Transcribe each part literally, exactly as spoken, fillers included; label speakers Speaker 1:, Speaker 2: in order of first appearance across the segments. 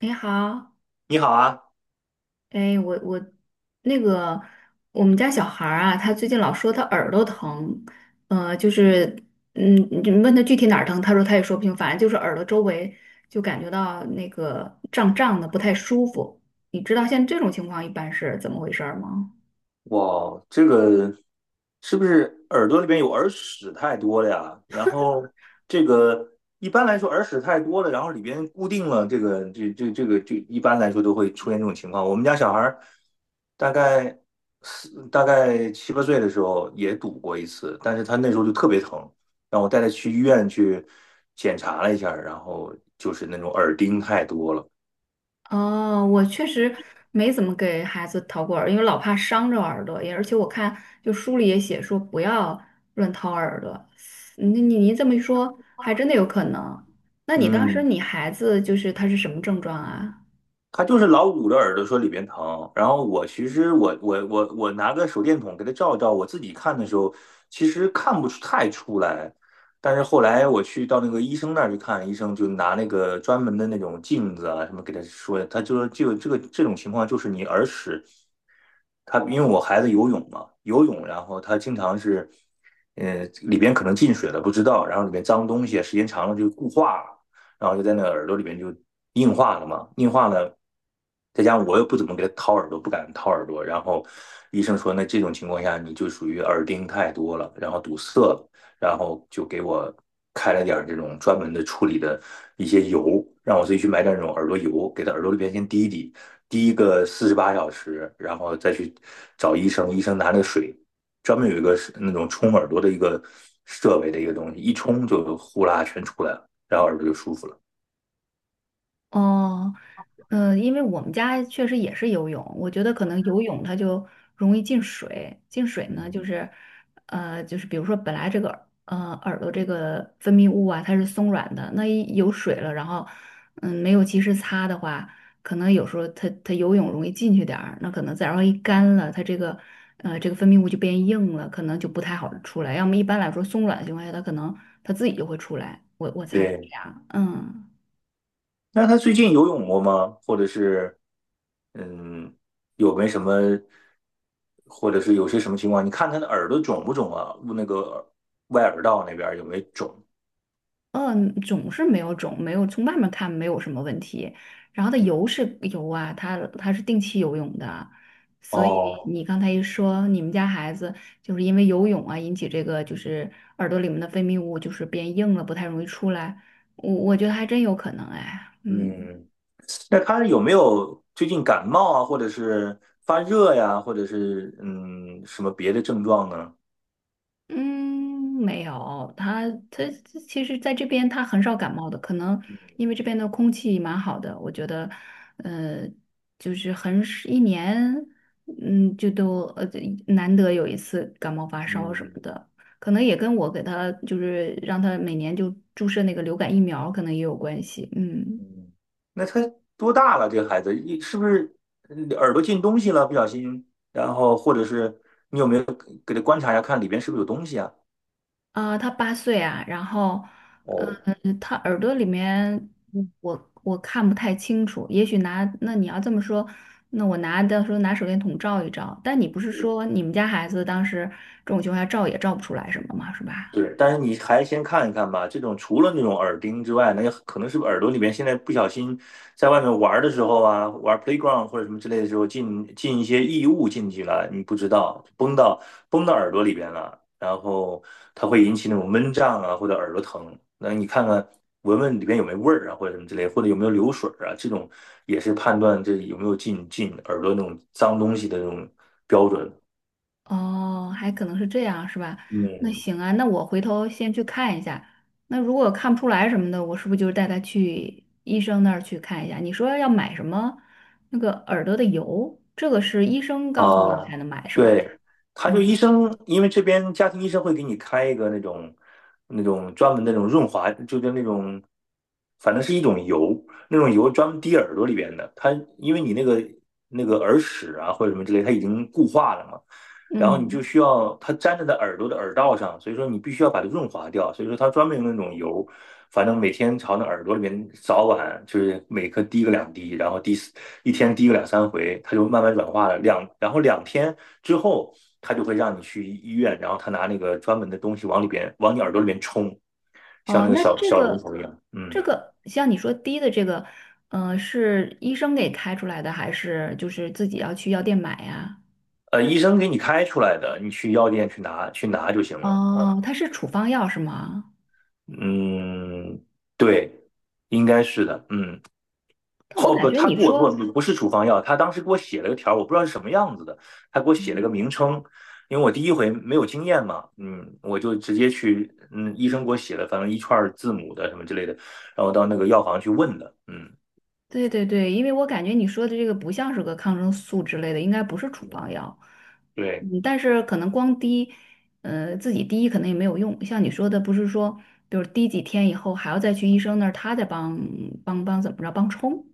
Speaker 1: 你好。
Speaker 2: 你好啊，
Speaker 1: 哎，我我那个我们家小孩儿啊，他最近老说他耳朵疼。呃，就是嗯，你问他具体哪儿疼，他说他也说不清，反正就是耳朵周围就感觉到那个胀胀的，不太舒服。你知道像这种情况一般是怎么回事儿吗？
Speaker 2: 哇，这个是不是耳朵里边有耳屎太多了呀？然后这个一般来说耳屎太多了，然后里边固定了这个这这这个这一般来说都会出现这种情况。我们家小孩儿大概四大概七八岁的时候也堵过一次，但是他那时候就特别疼，让我带他去医院去检查了一下儿然后就是那种耳钉太多了。
Speaker 1: 哦，我确实没怎么给孩子掏过耳，因为老怕伤着耳朵也，而且我看就书里也写说不要乱掏耳朵。嗯，你你你这么一说，还真的有可能。那你当时
Speaker 2: 嗯，
Speaker 1: 你孩子就是他是什么症状啊？
Speaker 2: 他就是老捂着耳朵说里边疼，然后我其实我我我我拿个手电筒给他照一照，我自己看的时候其实看不出太出来，但是后来我去到那个医生那儿去看，医生就拿那个专门的那种镜子啊什么给他说，他就说就这个这种情况就是你耳屎，他因为我孩子游泳嘛，游泳然后他经常是，呃里边可能进水了不知道，然后里边脏东西啊时间长了就固化了。然后就在那个耳朵里面就硬化了嘛，硬化了，再加上我又不怎么给他掏耳朵，不敢掏耳朵，然后医生说，那这种情况下你就属于耳钉太多了，然后堵塞了，然后就给我开了点儿这种专门的处理的一些油，让我自己去买点儿那种耳朵油，给他耳朵里边先滴一滴，滴一个四十八小时，然后再去找医生，医生拿那个水。专门有一个那种冲耳朵的一个设备的一个东西，一冲就呼啦全出来了。然后耳朵就舒服了。
Speaker 1: 哦。嗯，呃因为我们家确实也是游泳，我觉得可能游泳它就容易进水，进水呢就
Speaker 2: 嗯，
Speaker 1: 是，呃，就是比如说本来这个呃耳朵这个分泌物啊它是松软的，那一有水了，然后嗯没有及时擦的话，可能有时候它它游泳容易进去点儿，那可能再然后一干了，它这个呃这个分泌物就变硬了，可能就不太好出来。要么一般来说松软的情况下，它可能它自己就会出来，我我猜是这
Speaker 2: 对，
Speaker 1: 样，嗯。
Speaker 2: 那他最近游泳过吗？或者是，嗯，有没什么，或者是有些什么情况？你看他的耳朵肿不肿啊？那个耳外耳道那边有没有肿？
Speaker 1: 嗯，肿是没有肿，没有从外面看没有什么问题。然后它游是游啊，它它是定期游泳的，所以
Speaker 2: 哦，
Speaker 1: 你刚才一说你们家孩子就是因为游泳啊引起这个就是耳朵里面的分泌物就是变硬了，不太容易出来，我我觉得还真有可能哎，嗯。
Speaker 2: 嗯，那他有没有最近感冒啊，或者是发热呀，或者是嗯什么别的症状呢？
Speaker 1: 嗯，没有，他他其实在这边他很少感冒的，可能因为这边的空气蛮好的，我觉得。呃，就是很是一年，嗯，就都呃难得有一次感冒发烧什么
Speaker 2: 嗯。
Speaker 1: 的，可能也跟我给他就是让他每年就注射那个流感疫苗，可能也有关系，嗯。
Speaker 2: 嗯，那他多大了？这个孩子，一是不是嗯耳朵进东西了？不小心，然后或者是你有没有给他观察一下，看里边是不是有东西啊？
Speaker 1: 啊、他八岁啊，然后，呃，
Speaker 2: 哦，
Speaker 1: 他耳朵里面嗯我我看不太清楚，也许拿那你要这么说，那我拿到时候拿手电筒照一照，但你不是说你们家孩子当时这种情况下照也照不出来什么嘛，是吧？
Speaker 2: 对，但是你还先看一看吧。这种除了那种耳钉之外，那可能是不是耳朵里面现在不小心在外面玩的时候啊，玩 playground 或者什么之类的时候进进一些异物进去了，你不知道崩到崩到耳朵里边了，然后它会引起那种闷胀啊或者耳朵疼。那你看看闻闻里边有没有味儿啊或者什么之类，或者有没有流水啊，这种也是判断这有没有进进耳朵那种脏东西的那种标准。
Speaker 1: 哦，还可能是这样，是吧？那
Speaker 2: 嗯，
Speaker 1: 行啊，那我回头先去看一下。那如果看不出来什么的，我是不是就带他去医生那儿去看一下？你说要买什么那个耳朵的油，这个是医生告诉你才
Speaker 2: 啊，
Speaker 1: 能买，是吧？
Speaker 2: 对，他就医
Speaker 1: 嗯
Speaker 2: 生，因为这边家庭医生会给你开一个那种那种专门的那种润滑，就是那种，反正是一种油，那种油专门滴耳朵里边的。它因为你那个那个耳屎啊或者什么之类，它已经固化了嘛，然后你就
Speaker 1: 嗯。
Speaker 2: 需要它粘着在耳朵的耳道上，所以说你必须要把它润滑掉。所以说它专门用那种油反正每天朝那耳朵里面，早晚就是每颗滴个两滴，然后滴一天滴个两三回，它就慢慢软化了。两然后两天之后，它就会让你去医院，然后他拿那个专门的东西往里边往你耳朵里面冲，像那
Speaker 1: 哦，
Speaker 2: 个
Speaker 1: 那
Speaker 2: 小
Speaker 1: 这
Speaker 2: 小龙
Speaker 1: 个
Speaker 2: 头一样。
Speaker 1: 这
Speaker 2: 嗯，
Speaker 1: 个像你说滴的这个，呃，是医生给开出来的，还是就是自己要去药店买呀？
Speaker 2: 呃，医生给你开出来的，你去药店去拿去拿就行了。啊，
Speaker 1: 哦，它是处方药是吗？
Speaker 2: 嗯，对，应该是的。嗯。
Speaker 1: 但我
Speaker 2: 哦
Speaker 1: 感
Speaker 2: 不，
Speaker 1: 觉
Speaker 2: 他
Speaker 1: 你
Speaker 2: 给我给我
Speaker 1: 说，
Speaker 2: 不是处方药，他当时给我写了个条我不知道是什么样子的，他给我写了个
Speaker 1: 嗯，
Speaker 2: 名称，因为我第一回没有经验嘛，嗯，我就直接去，嗯，医生给我写了，反正一串字母的什么之类的，然后到那个药房去问的，嗯
Speaker 1: 对对对，因为我感觉你说的这个不像是个抗生素之类的，应该不是处方
Speaker 2: 嗯，
Speaker 1: 药。
Speaker 2: 对。
Speaker 1: 嗯，但是可能光滴，呃，自己滴可能也没有用。像你说的，不是说，比如滴几天以后还要再去医生那儿，他再帮帮帮怎么着帮冲。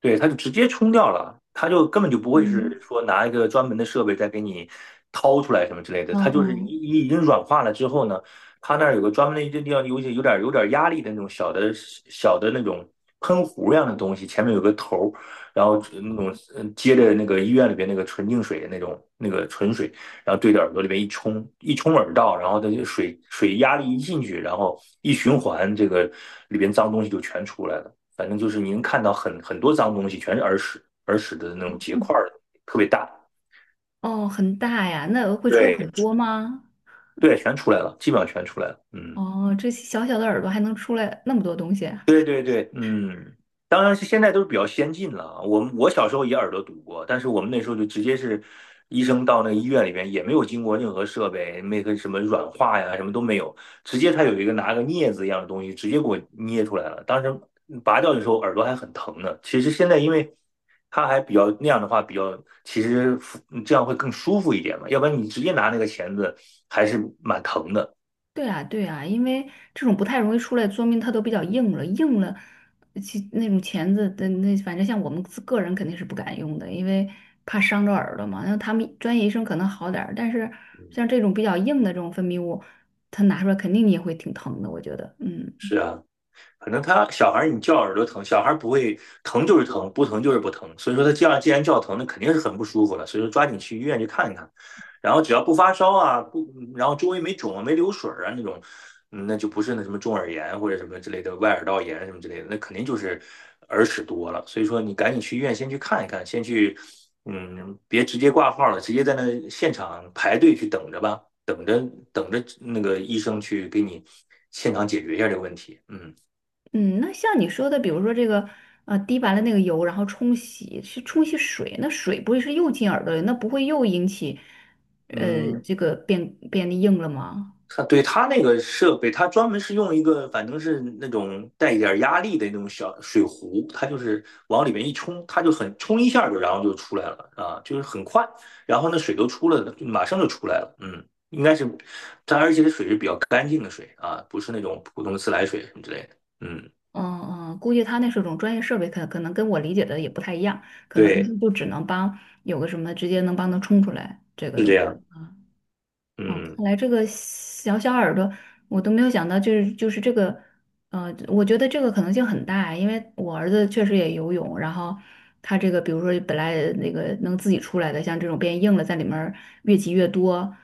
Speaker 2: 对，它就直接冲掉了，它就根本就不会是
Speaker 1: 嗯。
Speaker 2: 说拿一个专门的设备再给你掏出来什么之类的，
Speaker 1: 嗯
Speaker 2: 它就是已
Speaker 1: 嗯。
Speaker 2: 已已经软化了之后呢，它那儿有个专门的一个地方，有些有点有点压力的那种小的小的那种喷壶一样的东西，前面有个头儿，然后那种嗯接着那个医院里边那个纯净水的那种那个纯水，然后对着耳朵里边一冲，一冲耳道，然后它就水水压力一进去，然后一循环，这个里边脏东西就全出来了。反正就是您看到很很多脏东西，全是耳屎，耳屎的那种结块儿，特别大。
Speaker 1: 哦，很大呀，那会出来很
Speaker 2: 对
Speaker 1: 多吗？
Speaker 2: 对，全出来了，基本上全出来了。嗯。
Speaker 1: 哦，这小小的耳朵还能出来那么多东西啊？
Speaker 2: 对对对，嗯，当然是现在都是比较先进了啊。我们我小时候也耳朵堵过，但是我们那时候就直接是医生到那个医院里边，也没有经过任何设备，那个什么软化呀，什么都没有，直接他有一个拿个镊子一样的东西，直接给我捏出来了。当时拔掉的时候耳朵还很疼呢。其实现在因为他还比较那样的话，比较其实服这样会更舒服一点嘛，要不然你直接拿那个钳子还是蛮疼的。
Speaker 1: 对啊，对啊，因为这种不太容易出来，说明它都比较硬了，硬了，其那种钳子的那，反正像我们自个人肯定是不敢用的，因为怕伤着耳朵嘛。那他们专业医生可能好点儿，但是
Speaker 2: 嗯，
Speaker 1: 像这种比较硬的这种分泌物，它拿出来肯定你也会挺疼的，我觉得，嗯。
Speaker 2: 是啊，可能他小孩你叫耳朵疼，小孩不会疼就是疼，不疼就是不疼。所以说他叫既然叫疼，那肯定是很不舒服了。所以说抓紧去医院去看一看，然后只要不发烧啊，不，然后周围没肿啊、没流水啊那种，嗯那就不是那什么中耳炎或者什么之类的外耳道炎什么之类的，那肯定就是耳屎多了。所以说你赶紧去医院先去看一看，先去，嗯，别直接挂号了，直接在那现场排队去等着吧，等着等着那个医生去给你现场解决一下这个问题，嗯。
Speaker 1: 嗯，那像你说的，比如说这个，呃，滴完了那个油，然后冲洗，去冲洗水，那水不会是又进耳朵里，那不会又引起，呃，
Speaker 2: 嗯，
Speaker 1: 这个变变硬了吗？
Speaker 2: 他对他那个设备，他专门是用一个，反正是那种带一点压力的那种小水壶，它就是往里面一冲，它就很冲一下就，然后就出来了啊，就是很快，然后那水都出来了，马上就出来了。嗯，应该是它，而且这水是比较干净的水啊，不是那种普通的自来水什么之类的。嗯，
Speaker 1: 嗯嗯，估计他那是种专业设备，可可能跟我理解的也不太一样，可能他
Speaker 2: 对，
Speaker 1: 们就只能帮有个什么直接能帮他冲出来这个
Speaker 2: 是
Speaker 1: 东
Speaker 2: 这
Speaker 1: 西。
Speaker 2: 样。
Speaker 1: 啊。哦，
Speaker 2: 嗯
Speaker 1: 看来这个小小耳朵，我都没有想到，就是就是这个，呃，我觉得这个可能性很大，因为我儿子确实也游泳，然后他这个，比如说本来那个能自己出来的，像这种变硬了，在里面儿越积越多，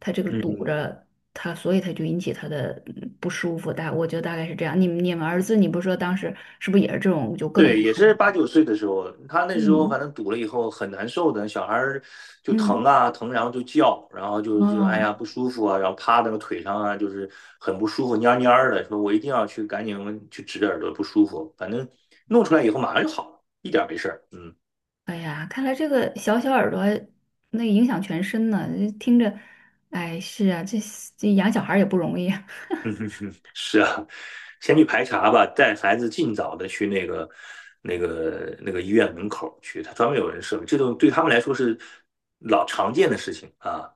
Speaker 1: 他这个堵
Speaker 2: 嗯。
Speaker 1: 着他，所以他就引起他的嗯不舒服。大，我觉得大概是这样。你们你们儿子，你不是说当时是不是也是这种，就各种
Speaker 2: 对，
Speaker 1: 不
Speaker 2: 也
Speaker 1: 舒
Speaker 2: 是八
Speaker 1: 服？
Speaker 2: 九岁的时候，他那时候
Speaker 1: 嗯
Speaker 2: 反正堵了以后很难受的，小孩儿就疼
Speaker 1: 嗯，
Speaker 2: 啊疼，然后就叫，然后就就哎
Speaker 1: 哦。
Speaker 2: 呀不舒服啊，然后趴在那个腿上啊，就是很不舒服，蔫儿蔫儿的，说我一定要去赶紧去指耳朵不舒服，反正弄出来以后马上就好了，一点儿没事儿。嗯，
Speaker 1: 哎呀，看来这个小小耳朵那影响全身呢，听着，哎，是啊，这这养小孩儿也不容易啊
Speaker 2: 嗯哼哼，是啊，先去排查吧，带孩子尽早的去那个那个那个医院门口去，他专门有人设备这种对他们来说是老常见的事情啊，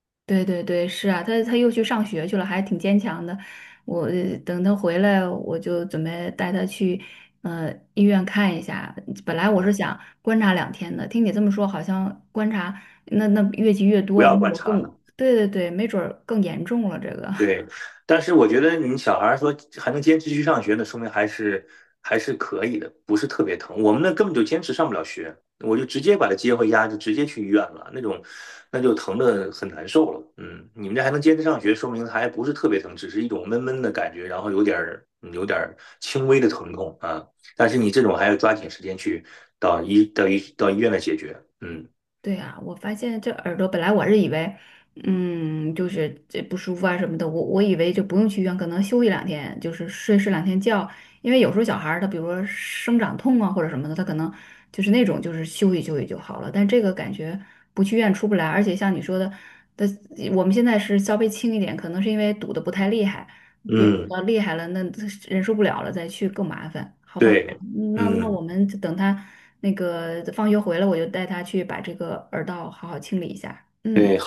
Speaker 1: 对对对，是啊，他他又去上学去了，还挺坚强的。我呃等他回来，我就准备带他去呃医院看一下。本来我是
Speaker 2: 嗯，
Speaker 1: 想观察两天的，听你这么说，好像观察那那越积越
Speaker 2: 不
Speaker 1: 多，没
Speaker 2: 要
Speaker 1: 准
Speaker 2: 观
Speaker 1: 儿
Speaker 2: 察
Speaker 1: 更，
Speaker 2: 了。
Speaker 1: 对对对，没准儿更严重了这个。
Speaker 2: 对，但是我觉得你小孩儿说还能坚持去上学呢，说明还是还是可以的，不是特别疼。我们那根本就坚持上不了学，我就直接把他接回家，就直接去医院了，那种那就疼的很难受了。嗯，你们这还能坚持上学，说明还不是特别疼，只是一种闷闷的感觉，然后有点儿嗯有点儿轻微的疼痛啊。但是你这种还要抓紧时间去到医到医到医院来解决。嗯
Speaker 1: 对啊，我发现这耳朵本来我是以为，嗯，就是这不舒服啊什么的，我我以为就不用去医院，可能休息两天，就是睡睡两天觉，因为有时候小孩儿他比如说生长痛啊或者什么的，他可能就是那种就是休息休息就好了，但这个感觉不去医院出不来，而且像你说的，的我们现在是稍微轻一点，可能是因为堵得不太厉害，别堵
Speaker 2: 嗯，
Speaker 1: 得厉害了那忍受不了了再去更麻烦，好吧。
Speaker 2: 对，
Speaker 1: 那那我
Speaker 2: 嗯。
Speaker 1: 们就等他那个放学回来，我就带他去把这个耳道好好清理一下。嗯，
Speaker 2: 对。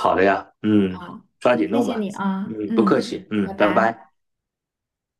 Speaker 2: 嗯，
Speaker 1: 好，
Speaker 2: 抓
Speaker 1: 那
Speaker 2: 紧
Speaker 1: 谢
Speaker 2: 弄
Speaker 1: 谢
Speaker 2: 吧。
Speaker 1: 你啊，
Speaker 2: 嗯，不客
Speaker 1: 嗯，
Speaker 2: 气。
Speaker 1: 拜
Speaker 2: 嗯，拜
Speaker 1: 拜。
Speaker 2: 拜。